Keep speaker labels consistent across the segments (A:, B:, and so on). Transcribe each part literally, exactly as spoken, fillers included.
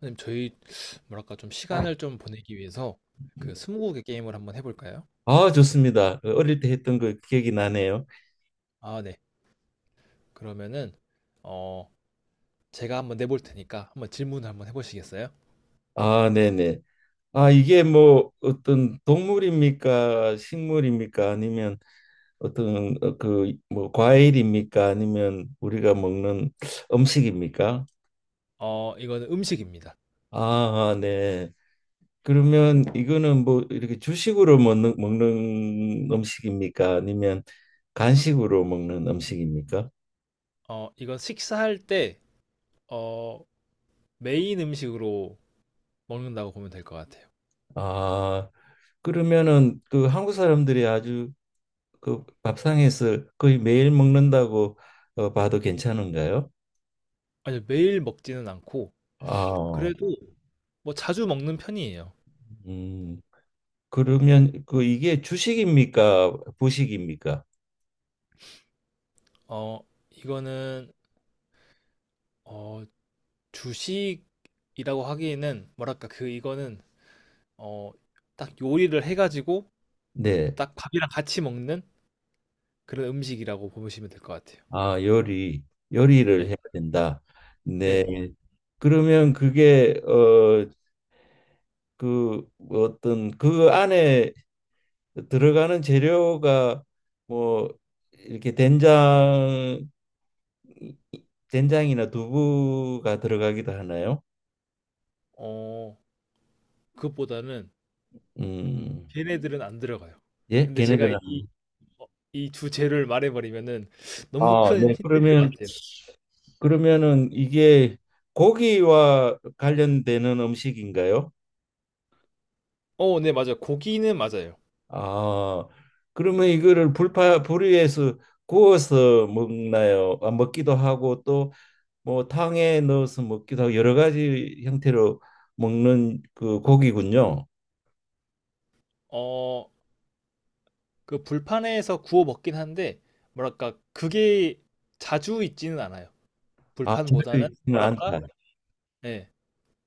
A: 선생님, 저희 뭐랄까 좀 시간을 좀 보내기 위해서 그 스무고개 게임을 한번 해볼까요?
B: 아, 좋습니다. 어릴 때 했던 거 기억이 나네요.
A: 아, 네. 그러면은 어 제가 한번 내볼 테니까 한번 질문을 한번 해보시겠어요?
B: 아, 네네. 아, 이게 뭐 어떤 동물입니까? 식물입니까? 아니면 어떤 어, 그뭐 과일입니까? 아니면 우리가 먹는 음식입니까?
A: 어, 이거는 음식입니다.
B: 아, 아, 네. 그러면 이거는 뭐 이렇게 주식으로 먹는, 먹는 음식입니까? 아니면 간식으로 먹는 음식입니까?
A: 어, 이건 식사할 때 어, 메인 음식으로 먹는다고 보면 될 것 같아요.
B: 아, 그러면은 그 한국 사람들이 아주 그 밥상에서 거의 매일 먹는다고 어, 봐도 괜찮은가요?
A: 아니, 매일 먹지는 않고
B: 아,
A: 그래도 뭐 자주 먹는 편이에요.
B: 음, 그러면 그 이게 주식입니까? 부식입니까?
A: 어, 이거는 어, 주식이라고 하기에는 뭐랄까 그 이거는 어, 딱 요리를 해 가지고
B: 네.
A: 딱 밥이랑 같이 먹는 그런 음식이라고 보시면 될 것 같아요.
B: 아, 요리, 요리를 해야
A: 네,
B: 된다. 네.
A: 네.
B: 그러면 그게 어, 그 어떤 그 안에 들어가는 재료가 뭐 이렇게 된장, 된장이나 두부가 들어가기도 하나요?
A: 어 그것보다는
B: 음.
A: 걔네들은 안 들어가요.
B: 예,
A: 근데 제가 이
B: 걔네들하고.
A: 어 이주 재료를 말해 버리면은 너무
B: 아,
A: 큰
B: 네.
A: 힌트일 것
B: 그러면
A: 같아요.
B: 네. 그러면은 이게 고기와 관련되는 음식인가요?
A: 어, 네 맞아요. 고기는 맞아요.
B: 아, 그러면 이거를 불파 불 위에서 구워서 먹나요? 아, 먹기도 하고 또 뭐 탕에 넣어서 먹기도 하고 여러 가지 형태로 먹는 그 고기군요.
A: 어, 그 불판에서 구워 먹긴 한데 뭐랄까 그게 자주 있지는 않아요.
B: 아, 자주
A: 불판보다는
B: 있지는
A: 뭐랄까
B: 않다.
A: 예.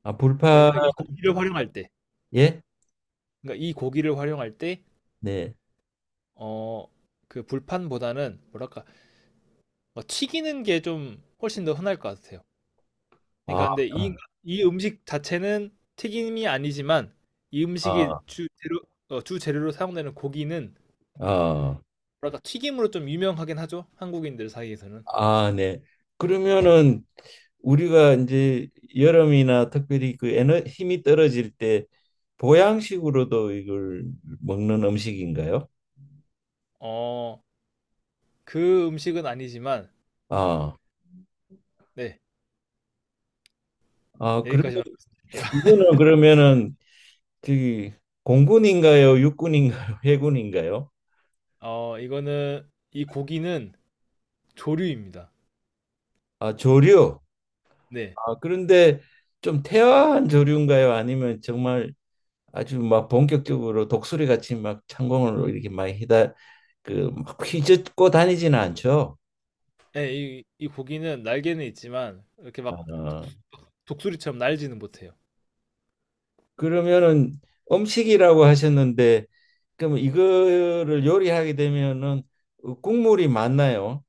B: 아, 불파
A: 그러니까 이 고기를 활용할 때
B: 예?
A: 그러니까 이 고기를 활용할 때
B: 네.
A: 어, 그 불판보다는 뭐랄까 뭐 튀기는 게 좀 훨씬 더 흔할 것 같아요.
B: 아,
A: 그러니까 근데 이, 이 음식 자체는 튀김이 아니지만 이
B: 아,
A: 음식이 주 재료 어, 주 재료로 사용되는 고기는
B: 아.
A: 뭐랄까 튀김으로 좀 유명하긴 하죠. 한국인들 사이에서는.
B: 아, 네. 그러면은 우리가 이제 여름이나 특별히 그 에너 힘이 떨어질 때 보양식으로도 이걸 먹는 음식인가요?
A: 어, 그 음식은 아니지만
B: 아,
A: 네,
B: 아 그런데
A: 여기까지만 말씀드릴게요.
B: 이거는 그러면은 저기 공군인가요? 육군인가요? 해군인가요?
A: 어, 이거는 이 고기는 조류입니다.
B: 아, 조류.
A: 네.
B: 아, 그런데 좀 태화한 조류인가요? 아니면 정말 아주 막 본격적으로 독수리 같이 막 창공을 이렇게 많이 휘다 그막 휘젓고 다니지는 않죠?
A: 네, 이, 이 고기는 날개는 있지만 이렇게 막 독,
B: 아.
A: 독수리처럼 날지는 못해요.
B: 그러면은 음식이라고 하셨는데 그럼 이거를 요리하게 되면은 국물이 많나요?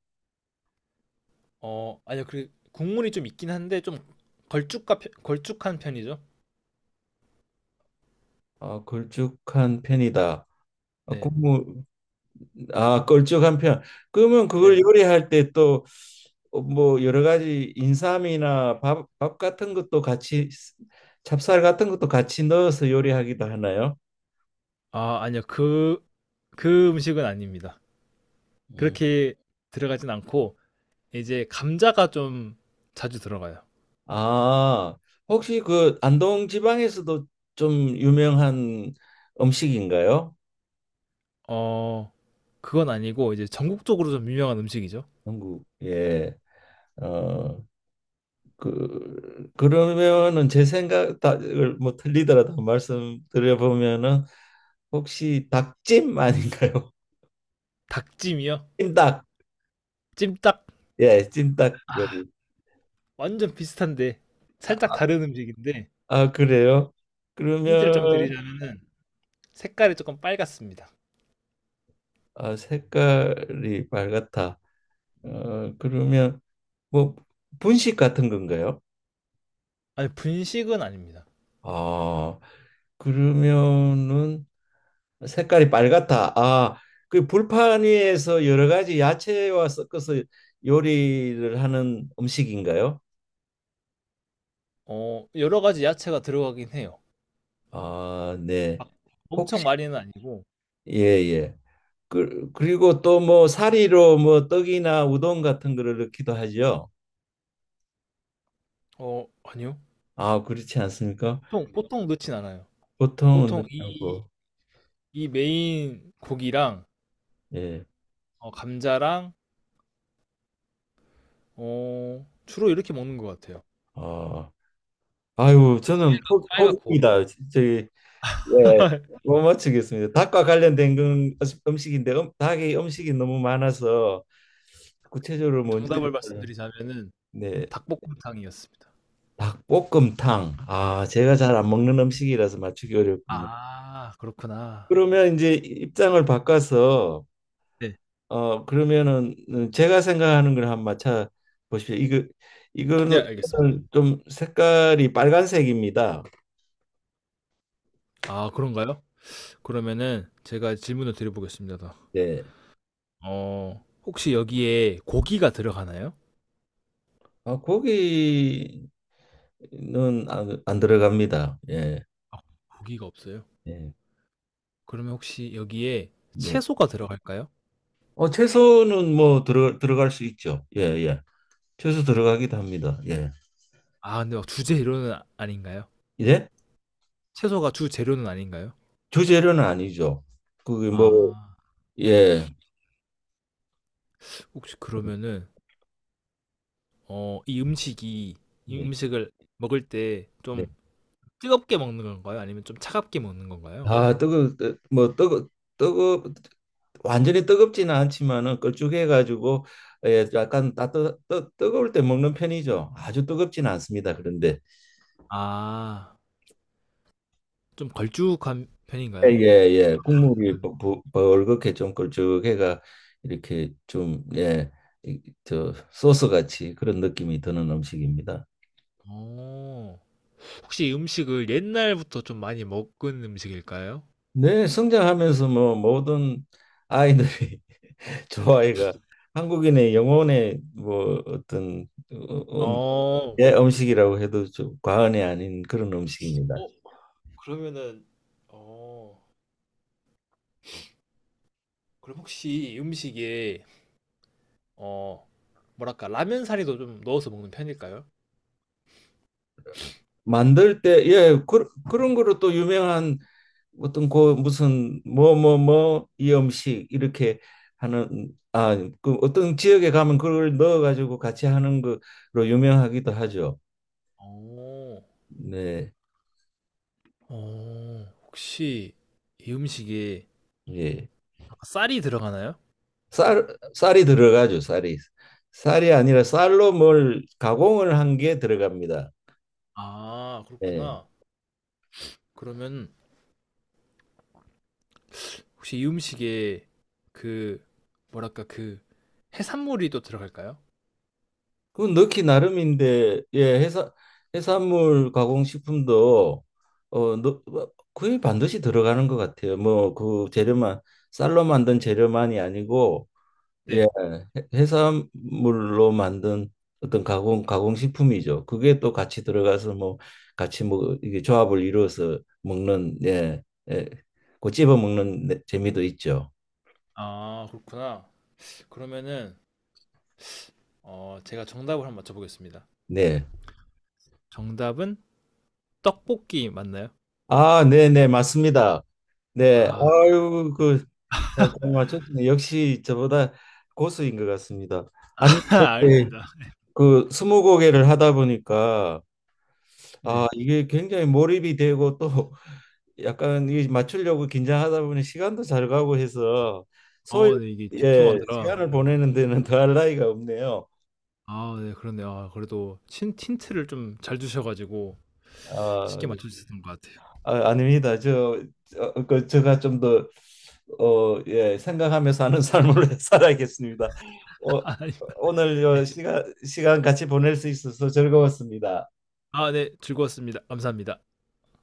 A: 어, 아니요. 그 국물이 좀 있긴 한데 좀 걸쭉한 편 걸쭉한 편이죠.
B: 아, 걸쭉한 편이다. 아,
A: 네.
B: 국물 아, 걸쭉한 편. 그러면
A: 네.
B: 그걸 요리할 때 또 뭐 여러 가지 인삼이나 밥, 밥 같은 것도 같이 찹쌀 같은 것도 같이 넣어서 요리하기도 하나요?
A: 아, 아니요. 그 그 음식은 아닙니다.
B: 음.
A: 그렇게 들어가진 않고 이제 감자가 좀 자주 들어가요.
B: 아, 혹시 그 안동 지방에서도 좀 유명한 음식인가요?
A: 어, 그건 아니고 이제 전국적으로 좀 유명한 음식이죠.
B: 영국 예. 어, 그 그러면은 제 생각을 뭐 틀리더라도 말씀드려 보면은 혹시 닭찜 아닌가요?
A: 닭찜이요.
B: 찜닭.
A: 찜닭
B: 예, 찜닭 요리.
A: 완전 비슷한데 살짝
B: 아,
A: 다른 음식인데
B: 아, 그래요?
A: 힌트를 좀
B: 그러면
A: 드리자면은 색깔이 조금 빨갛습니다.
B: 아, 색깔이 빨갛다. 어, 그러면 뭐 분식 같은 건가요?
A: 아니, 분식은 아닙니다.
B: 아, 그러면은 색깔이 빨갛다. 아, 그 불판 위에서 여러 가지 야채와 섞어서 요리를 하는 음식인가요?
A: 어, 여러 가지 야채가 들어가긴 해요.
B: 아, 네.
A: 막 엄청
B: 혹시
A: 많이는 아니고
B: 예, 예. 그, 그리고 또 뭐 사리로 뭐 떡이나 우동 같은 거를 넣기도 하죠.
A: 어, 아니요.
B: 아, 그렇지 않습니까?
A: 보통 보통 넣진 않아요.
B: 보통은
A: 보통
B: 넣지
A: 이,
B: 않고.
A: 이 메인 고기랑
B: 예.
A: 어, 감자랑 어, 주로 이렇게 먹는 것 같아요.
B: 아, 아유, 저는 포,
A: 빨갛고
B: 포기입니다. 저기 예. 못 맞추겠습니다. 닭과 관련된 건 음식인데 음, 닭이 음식이 너무 많아서 구체적으로 뭔지를
A: 정답을 말씀드리자면은
B: 네
A: 닭볶음탕이었습니다.
B: 닭볶음탕 아 제가 잘 안 먹는 음식이라서 맞추기 어렵군요.
A: 아, 그렇구나.
B: 그러면 이제 입장을 바꿔서
A: 네,
B: 어 그러면은 제가 생각하는 걸 한번 맞춰 보십시오. 이거
A: 네
B: 이거는
A: 알겠습니다.
B: 좀 색깔이 빨간색입니다.
A: 아, 그런가요? 그러면은 제가 질문을 드려보겠습니다.
B: 예.
A: 어, 혹시 여기에 고기가 들어가나요?
B: 아 고기는 안, 안 들어갑니다. 예.
A: 아, 고기가 없어요.
B: 예.
A: 그러면 혹시 여기에
B: 네.
A: 채소가 들어갈까요?
B: 어 채소는 뭐 들어 들어갈 수 있죠. 예, 예. 채소 들어가기도 합니다. 예.
A: 아 근데 막 주재료는 아닌가요?
B: 예?
A: 채소가 주재료는 아닌가요?
B: 주재료는 아니죠. 그게 뭐
A: 아.
B: 예.
A: 혹시 그러면은 어 이 음식이 이
B: 네.
A: 음식을 먹을 때
B: 네.
A: 좀 뜨겁게 먹는 건가요? 아니면 좀 차갑게 먹는 건가요?
B: 아, 뜨거 뜨- 뭐 뜨거 뜨거 완전히 뜨겁지는 않지만은 걸쭉해 가지고 예, 약간 따뜻 뜨, 뜨거울 때 먹는 편이죠. 아주 뜨겁지는 않습니다. 그런데
A: 아. 좀 걸쭉한
B: 예,
A: 편인가요?
B: 예. 예. 국물이 부- 부- 벌겋게 좀 걸쭉해가 이렇게 좀 예. 이- 저 소스 같이 그런 느낌이 드는 음식입니다.
A: 어. 혹시 이 음식을 옛날부터 좀 많이 먹은 음식일까요?
B: 네, 성장하면서 뭐 모든 아이들이 좋 아이가 한국인의 영혼의 뭐 어떤 어, 음,
A: 어.
B: 예, 음식이라고 해도 좀 과언이 아닌 그런 음식입니다.
A: 어 그러면은 어 그럼 혹시 이 음식에 어 뭐랄까 라면 사리도 좀 넣어서 먹는 편일까요?
B: 만들 때 예, 그, 그런 거로 또 유명한 어떤 그 무슨 뭐 뭐 뭐 이 음식 이렇게 하는 아, 그 어떤 지역에 가면 그걸 넣어 가지고 같이 하는 거로 유명하기도 하죠.
A: 오
B: 네.
A: 어. 혹시 이 음식에
B: 예.
A: 아까 쌀이 들어가나요?
B: 쌀 쌀이 들어가죠. 쌀이 쌀이 아니라 쌀로 뭘 가공을 한 게 들어갑니다.
A: 아,
B: 예.
A: 그렇구나. 그러면 혹시 이 음식에 그 뭐랄까 그 해산물이 또 들어갈까요?
B: 그건 넣기 나름인데 예 해산 해산물 가공식품도 어 넣- 뭐, 거의 반드시 들어가는 것 같아요. 뭐 그 재료만 쌀로 만든 재료만이 아니고 예
A: 네.
B: 해- 해산물로 만든 어떤 가공 가공식품이죠. 그게 또 같이 들어가서 뭐 같이 뭐 이게 조합을 이루어서 먹는 예, 예, 그 찝어 먹는 재미도 있죠.
A: 아, 그렇구나. 그러면은 어, 제가 정답을 한 번 맞춰보겠습니다.
B: 네.
A: 정답은 떡볶이 맞나요?
B: 아, 네네, 맞습니다. 네,
A: 아,
B: 아유, 그, 잘 맞췄네. 역시 저보다 고수인 것 같습니다. 아니, 이렇게
A: 알겠습니다.
B: 그 스무고개를 하다 보니까, 아,
A: 네.
B: 이게 굉장히 몰입이 되고 또 약간 이 맞추려고 긴장하다 보니 시간도 잘 가고 해서 소위,
A: 어, 네, 이게
B: 예,
A: 집중하느라.
B: 시간을 보내는 데는 더할 나위가 없네요.
A: 아, 네, 그렇네요. 아, 그래도 친, 틴트를 좀 잘 주셔가지고
B: 아,
A: 쉽게 맞춰주셨던 것 같아요.
B: 아, 아닙니다. 저, 어, 그, 제가 좀 더, 어, 예, 생각하며 사는 삶을 살아야겠습니다. 어,
A: 아,
B: 오늘 요
A: 예.
B: 시간, 시간 같이 보낼 수 있어서 즐거웠습니다.
A: 아, 네. 즐거웠습니다. 감사합니다.